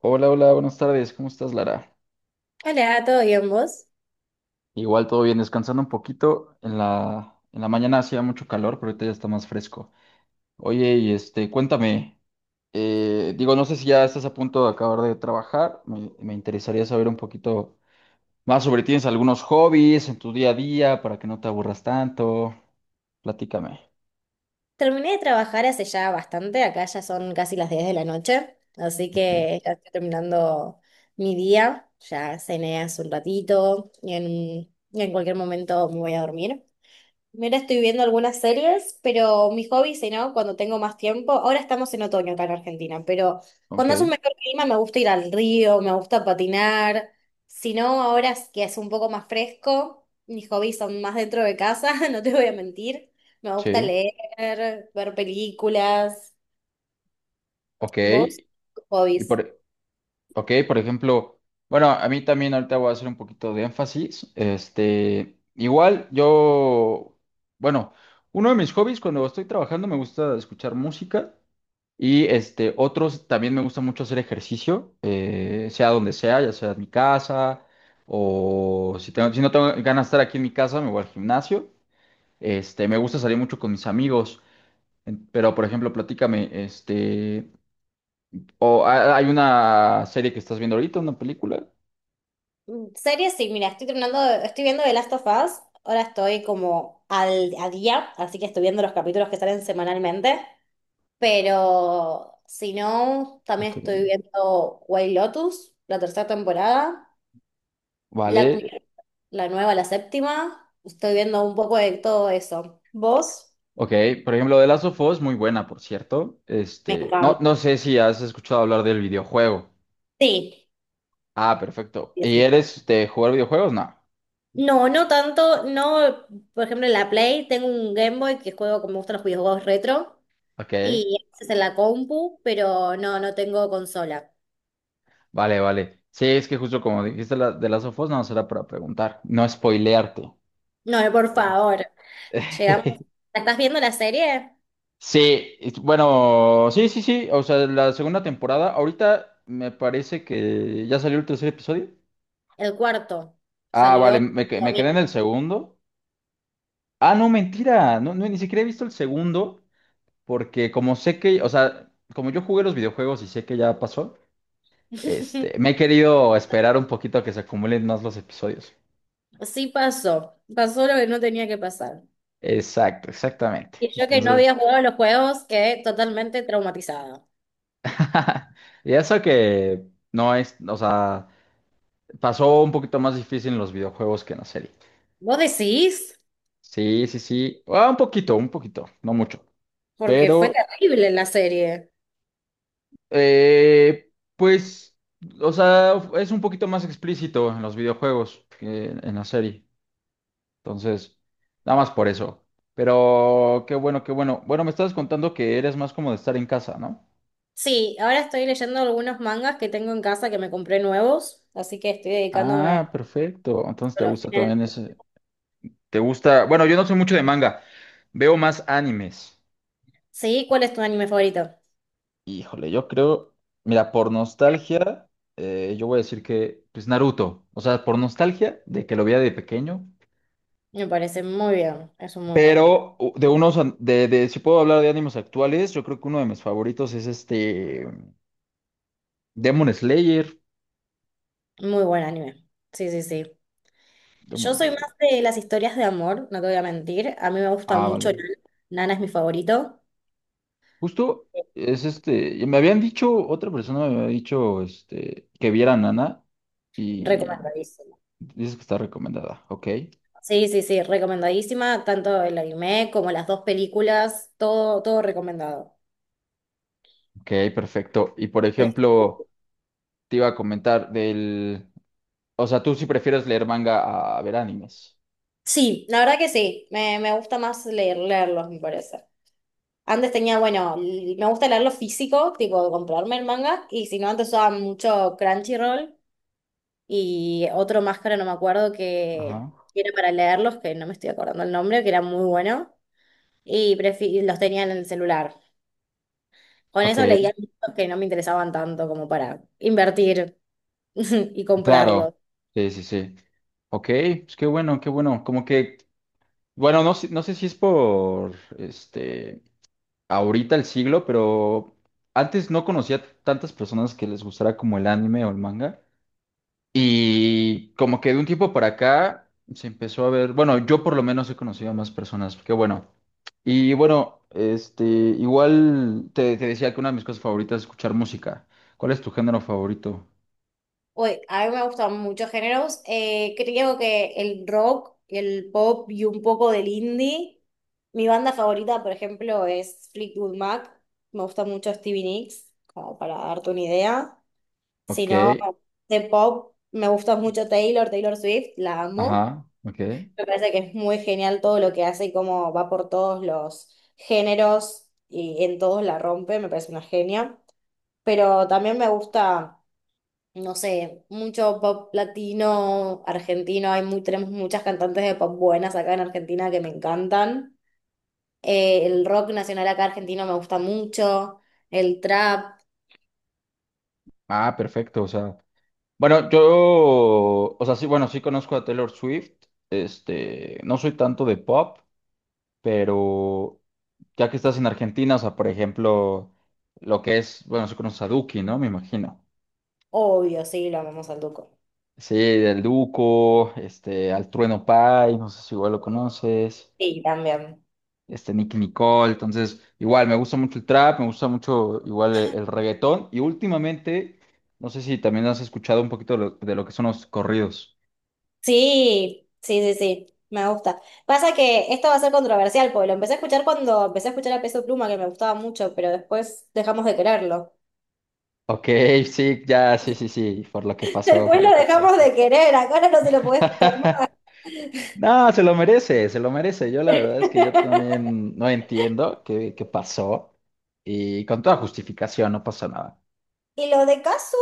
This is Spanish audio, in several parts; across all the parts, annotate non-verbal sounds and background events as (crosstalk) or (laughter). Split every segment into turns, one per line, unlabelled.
Hola, hola, buenas tardes. ¿Cómo estás, Lara?
Hola, ¿todo bien vos?
Igual todo bien, descansando un poquito. En la mañana hacía mucho calor, pero ahorita ya está más fresco. Oye, y este, cuéntame, digo, no sé si ya estás a punto de acabar de trabajar. Me interesaría saber un poquito más sobre ti. ¿Tienes algunos hobbies en tu día a día para que no te aburras tanto? Platícame.
Terminé de trabajar hace ya bastante, acá ya son casi las 10 de la noche, así
Ok.
que ya estoy terminando mi día, ya cené hace un ratito y en cualquier momento me voy a dormir. Mira, estoy viendo algunas series, pero mi hobby, si no, cuando tengo más tiempo, ahora estamos en otoño acá en Argentina, pero
Ok,
cuando hace un mejor clima me gusta ir al río, me gusta patinar, si no, ahora es que es un poco más fresco, mis hobbies son más dentro de casa, (laughs) no te voy a mentir, me gusta
sí,
leer, ver películas,
ok.
vos, tus
Y
hobbies.
por, Ok, por ejemplo, bueno, a mí también ahorita voy a hacer un poquito de énfasis. Este, igual yo, bueno, uno de mis hobbies cuando estoy trabajando me gusta escuchar música y este, otros también me gusta mucho hacer ejercicio, sea donde sea, ya sea en mi casa o si no tengo ganas de estar aquí en mi casa, me voy al gimnasio. Este, me gusta salir mucho con mis amigos, pero por ejemplo, platícame, este, o hay una serie que estás viendo ahorita, una película.
Mm, series, sí, mira, estoy viendo The Last of Us, ahora estoy como al, a día, así que estoy viendo los capítulos que salen semanalmente. Pero si no, también
Ok,
estoy viendo White Lotus, la tercera temporada, Black
vale.
Mirror, la nueva, la séptima. Estoy viendo un poco de todo eso. ¿Vos?
Ok, por ejemplo, The Last of Us, muy buena, por cierto.
Me
Este, no
encanta.
sé si has escuchado hablar del videojuego.
Sí,
Ah, perfecto.
sí,
¿Y
sí.
eres de jugar videojuegos? No.
No, no tanto. No, por ejemplo, en la Play tengo un Game Boy que juego como me gustan los videojuegos retro
Ok,
y a veces en la compu, pero no, no tengo consola.
vale, vale. Sí, es que justo como dijiste de Last of Us, no será para preguntar, no spoilearte.
No, por
Es-
favor. Llegamos.
(laughs)
¿La estás viendo la serie?
Sí, bueno, sí, sí, sí. O sea, la segunda temporada, ahorita me parece que ya salió el tercer episodio.
El cuarto
Ah,
salió
vale,
lo
me quedé en
mismo.
el segundo. Ah, no, mentira. No, no, ni siquiera he visto el segundo, porque como sé que, o sea, como yo jugué los videojuegos y sé que ya pasó, este, me
(laughs)
he querido esperar un poquito a que se acumulen más los episodios.
Sí pasó, pasó lo que no tenía que pasar.
Exacto, exactamente.
Y yo que no
Entonces,
había jugado los juegos quedé totalmente traumatizada.
(laughs) y eso que no es, o sea, pasó un poquito más difícil en los videojuegos que en la serie.
¿Vos decís?
Sí, sí, sí. Ah, un poquito, no mucho.
Porque fue
Pero
terrible la serie.
Pues, o sea, es un poquito más explícito en los videojuegos que en la serie. Entonces, nada más por eso. Pero qué bueno, qué bueno. Bueno, me estabas contando que eres más como de estar en casa, ¿no?
Sí, ahora estoy leyendo algunos mangas que tengo en casa que me compré nuevos, así que estoy dedicándome
Ah, perfecto. Entonces
a
te
los
gusta
fines
también
de-
ese. Te gusta. Bueno, yo no soy mucho de manga. Veo más animes.
Sí, ¿cuál es tu anime favorito?
Híjole, yo creo. Mira, por nostalgia, yo voy a decir que, pues Naruto. O sea, por nostalgia de que lo veía de pequeño.
Me parece muy bien, es un muy buen anime,
Pero u- de unos, an- de, si puedo hablar de ánimos actuales, yo creo que uno de mis favoritos es este Demon Slayer.
muy buen anime. Sí, sí, sí.
Demon
Yo soy más
Slayer.
de las historias de amor, no te voy a mentir. A mí me gusta
Ah,
mucho
vale.
Nana. Nana es mi favorito.
Justo es este, y me habían dicho, otra persona me había dicho este, que viera Nana y
Recomendadísima.
dices que está recomendada. Ok,
Sí, sí, sí, recomendadísima. Tanto el anime como las dos películas, todo, todo recomendado.
ok, perfecto. Y por ejemplo, te iba a comentar del, o sea, tú sí prefieres leer manga a ver animes.
Sí, la verdad que sí. Me gusta más leer, leerlos, me parece. Antes tenía, bueno, me gusta leerlo físico, tipo comprarme el manga, y si no, antes usaba mucho Crunchyroll y otro máscara, no me acuerdo, que
Ajá.
que era para leerlos, que no me estoy acordando el nombre, que era muy bueno. Y los tenía en el celular. Con
Ok,
eso leía libros que no me interesaban tanto como para invertir (laughs) y
claro,
comprarlos.
sí, sí, sí. Ok, pues qué bueno, qué bueno. Como que, bueno, no sé si es por, este, ahorita el siglo, pero antes no conocía tantas personas que les gustara como el anime o el manga. Y como que de un tiempo para acá se empezó a ver, bueno, yo por lo menos he conocido a más personas, qué bueno. Y bueno, este, igual te decía que una de mis cosas favoritas es escuchar música. ¿Cuál es tu género favorito?
Uy, a mí me gustan muchos géneros. Creo que el rock, el pop y un poco del indie. Mi banda favorita, por ejemplo, es Fleetwood Mac. Me gusta mucho Stevie Nicks, como para darte una idea. Si
Ok,
no, de pop, me gusta mucho Taylor Swift, la amo.
ajá, ok.
Me parece que es muy genial todo lo que hace y cómo va por todos los géneros y en todos la rompe, me parece una genia. Pero también me gusta, no sé, mucho pop latino, argentino, hay muy, tenemos muchas cantantes de pop buenas acá en Argentina que me encantan. El rock nacional acá argentino me gusta mucho, el trap,
Ah, perfecto, o sea. Bueno, yo, o sea, sí, bueno, sí conozco a Taylor Swift, este, no soy tanto de pop, pero ya que estás en Argentina, o sea, por ejemplo, lo que es, bueno, sí conoces a Duki, ¿no? Me imagino.
obvio, sí, lo amamos al Duco.
Sí, del Duco, este, al Trueno Pai, no sé si igual lo conoces,
Sí, también.
este, Nicki Nicole, entonces, igual, me gusta mucho el trap, me gusta mucho igual el reggaetón, y últimamente, no sé si también has escuchado un poquito de lo que son los corridos.
Sí, sí, sí, sí, me gusta. Pasa que esto va a ser controversial, porque lo empecé a escuchar cuando empecé a escuchar a Peso Pluma, que me gustaba mucho, pero después dejamos de quererlo.
Ok, sí, ya, sí, sí, sí, por lo que
(laughs)
pasó, por
Después lo
lo que
dejamos
pasó.
de querer, ahora no se lo puede escuchar más.
(laughs) No, se lo merece, se lo merece. Yo la verdad es que yo también no entiendo qué pasó y con toda justificación no pasó nada.
Y lo de Cazzu,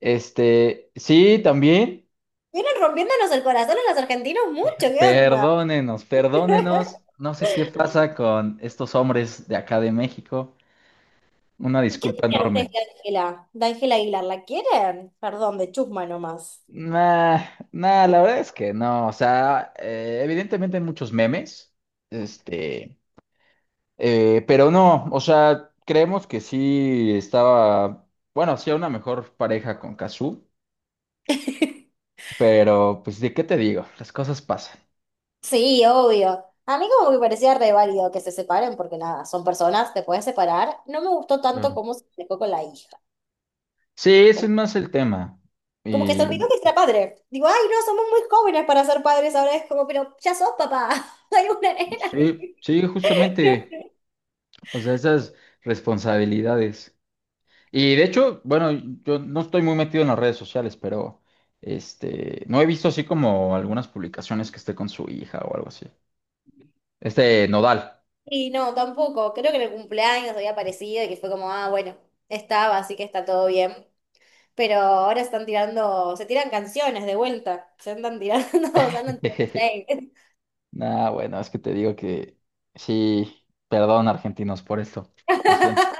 Este, sí, también,
vienen rompiéndonos el corazón a los argentinos mucho, ¿qué onda?
perdónenos, perdónenos.
(laughs)
No sé qué pasa con estos hombres de acá de México. Una
¿Qué
disculpa
opinan
enorme.
ustedes de Ángela? ¿De Ángela Aguilar? ¿La quieren? Perdón, de chusma nomás.
Nah, nah, la verdad es que no. O sea, evidentemente hay muchos memes. Este. Pero no, o sea, creemos que sí estaba, bueno, hacía una mejor pareja con Kazu,
(laughs)
pero pues de qué te digo, las cosas pasan.
Sí, obvio. A mí como que me parecía re válido que se separen, porque nada, son personas, te puedes separar. No me gustó tanto
Claro.
cómo se dejó con la hija.
Sí, ese es
Como,
más el tema.
como que se
Y
olvidó que era padre. Digo, ay, no, somos muy jóvenes para ser padres ahora. Es como, pero ya sos papá. (laughs) Hay una nena. (laughs)
sí, sí, justamente, o sea, esas responsabilidades. Y de hecho, bueno, yo no estoy muy metido en las redes sociales, pero este, no he visto así como algunas publicaciones que esté con su hija o algo así. Este Nodal.
Y no, tampoco. Creo que en el cumpleaños había aparecido y que fue como, ah, bueno, estaba, así que está todo bien. Pero ahora están tirando, se tiran canciones de vuelta. Se andan tirando, (laughs) se andan tirando
(laughs)
shade.
Nah, bueno, es que te digo que sí, perdón, argentinos, por esto. Lo siento.
(laughs)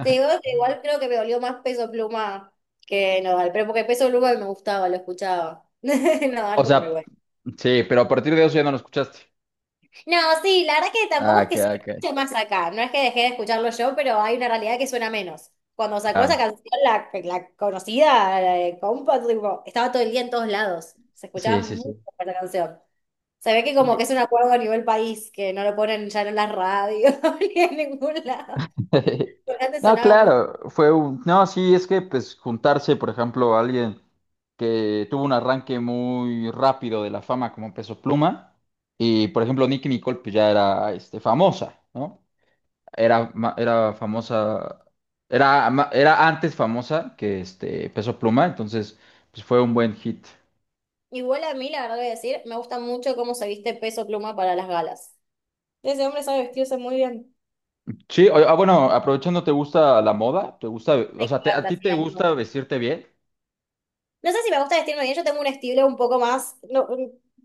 Te digo que igual creo que me dolió más Peso Pluma que Nodal, pero porque Peso Pluma me gustaba, lo escuchaba. (laughs)
O
Nodal como que
sea,
bueno.
sí, pero a partir de eso ya no lo escuchaste.
No, sí, la verdad que
Ah,
tampoco es
ok,
que se
ok.
escuche más acá, no es que dejé de escucharlo yo, pero hay una realidad que suena menos. Cuando sacó esa
Claro.
canción, la conocida, la de compa, tipo, estaba todo el día en todos lados, se escuchaba
Sí, sí,
mucho
sí.
esa canción. Se ve que como que es
Sí.
un acuerdo a nivel país, que no lo ponen ya en las radios (laughs) ni en ningún lado.
(laughs)
Pero antes
No,
sonaba.
claro, fue un... No, sí, es que pues juntarse, por ejemplo, a alguien que tuvo un arranque muy rápido de la fama como Peso Pluma y, por ejemplo, Nicki Nicole pues ya era este, famosa, ¿no? Era famosa, era antes famosa que este Peso Pluma, entonces pues fue un buen hit.
Igual a mí, la verdad voy a decir, me gusta mucho cómo se viste Peso Pluma para las galas. Ese hombre sabe vestirse muy bien.
Sí, ah, bueno, aprovechando, ¿te gusta la moda? ¿Te gusta,
Me
o sea, a
encanta,
ti
sí,
te
a mí me
gusta
gusta.
vestirte bien?
No sé si me gusta vestirme bien, yo tengo un estilo un poco más, no,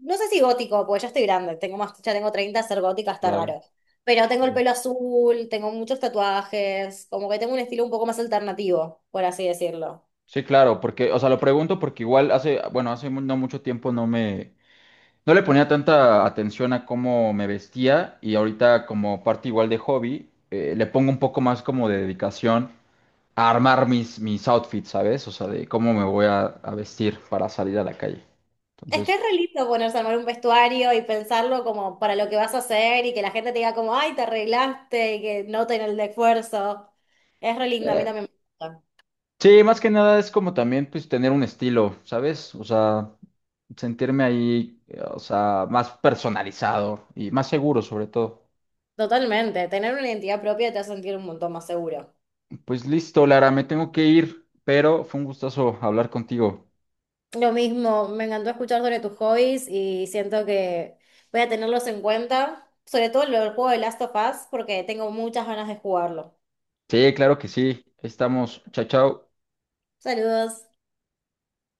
no sé si gótico, porque ya estoy grande, tengo más, ya tengo 30, ser gótica está
Claro.
raro. Pero tengo el
Sí.
pelo azul, tengo muchos tatuajes, como que tengo un estilo un poco más alternativo, por así decirlo.
Sí, claro, porque, o sea, lo pregunto porque igual hace, bueno, no mucho tiempo no le ponía tanta atención a cómo me vestía y ahorita como parte igual de hobby, le pongo un poco más como de dedicación a armar mis outfits, ¿sabes? O sea, de cómo a vestir para salir a la calle.
Es que
Entonces,
es re lindo ponerse a armar un vestuario y pensarlo como para lo que vas a hacer y que la gente te diga como, ay, te arreglaste y que noten el esfuerzo. Es re lindo, a mí
eh,
también me gusta.
sí, más que nada es como también, pues, tener un estilo, ¿sabes? O sea, sentirme ahí, o sea, más personalizado y más seguro sobre todo.
Totalmente, tener una identidad propia te hace sentir un montón más seguro.
Pues listo, Lara, me tengo que ir, pero fue un gustazo hablar contigo.
Lo mismo, me encantó escuchar sobre tus hobbies y siento que voy a tenerlos en cuenta, sobre todo el juego de Last of Us, porque tengo muchas ganas de jugarlo.
Sí, claro que sí. Ahí estamos. Chao, chao.
Saludos.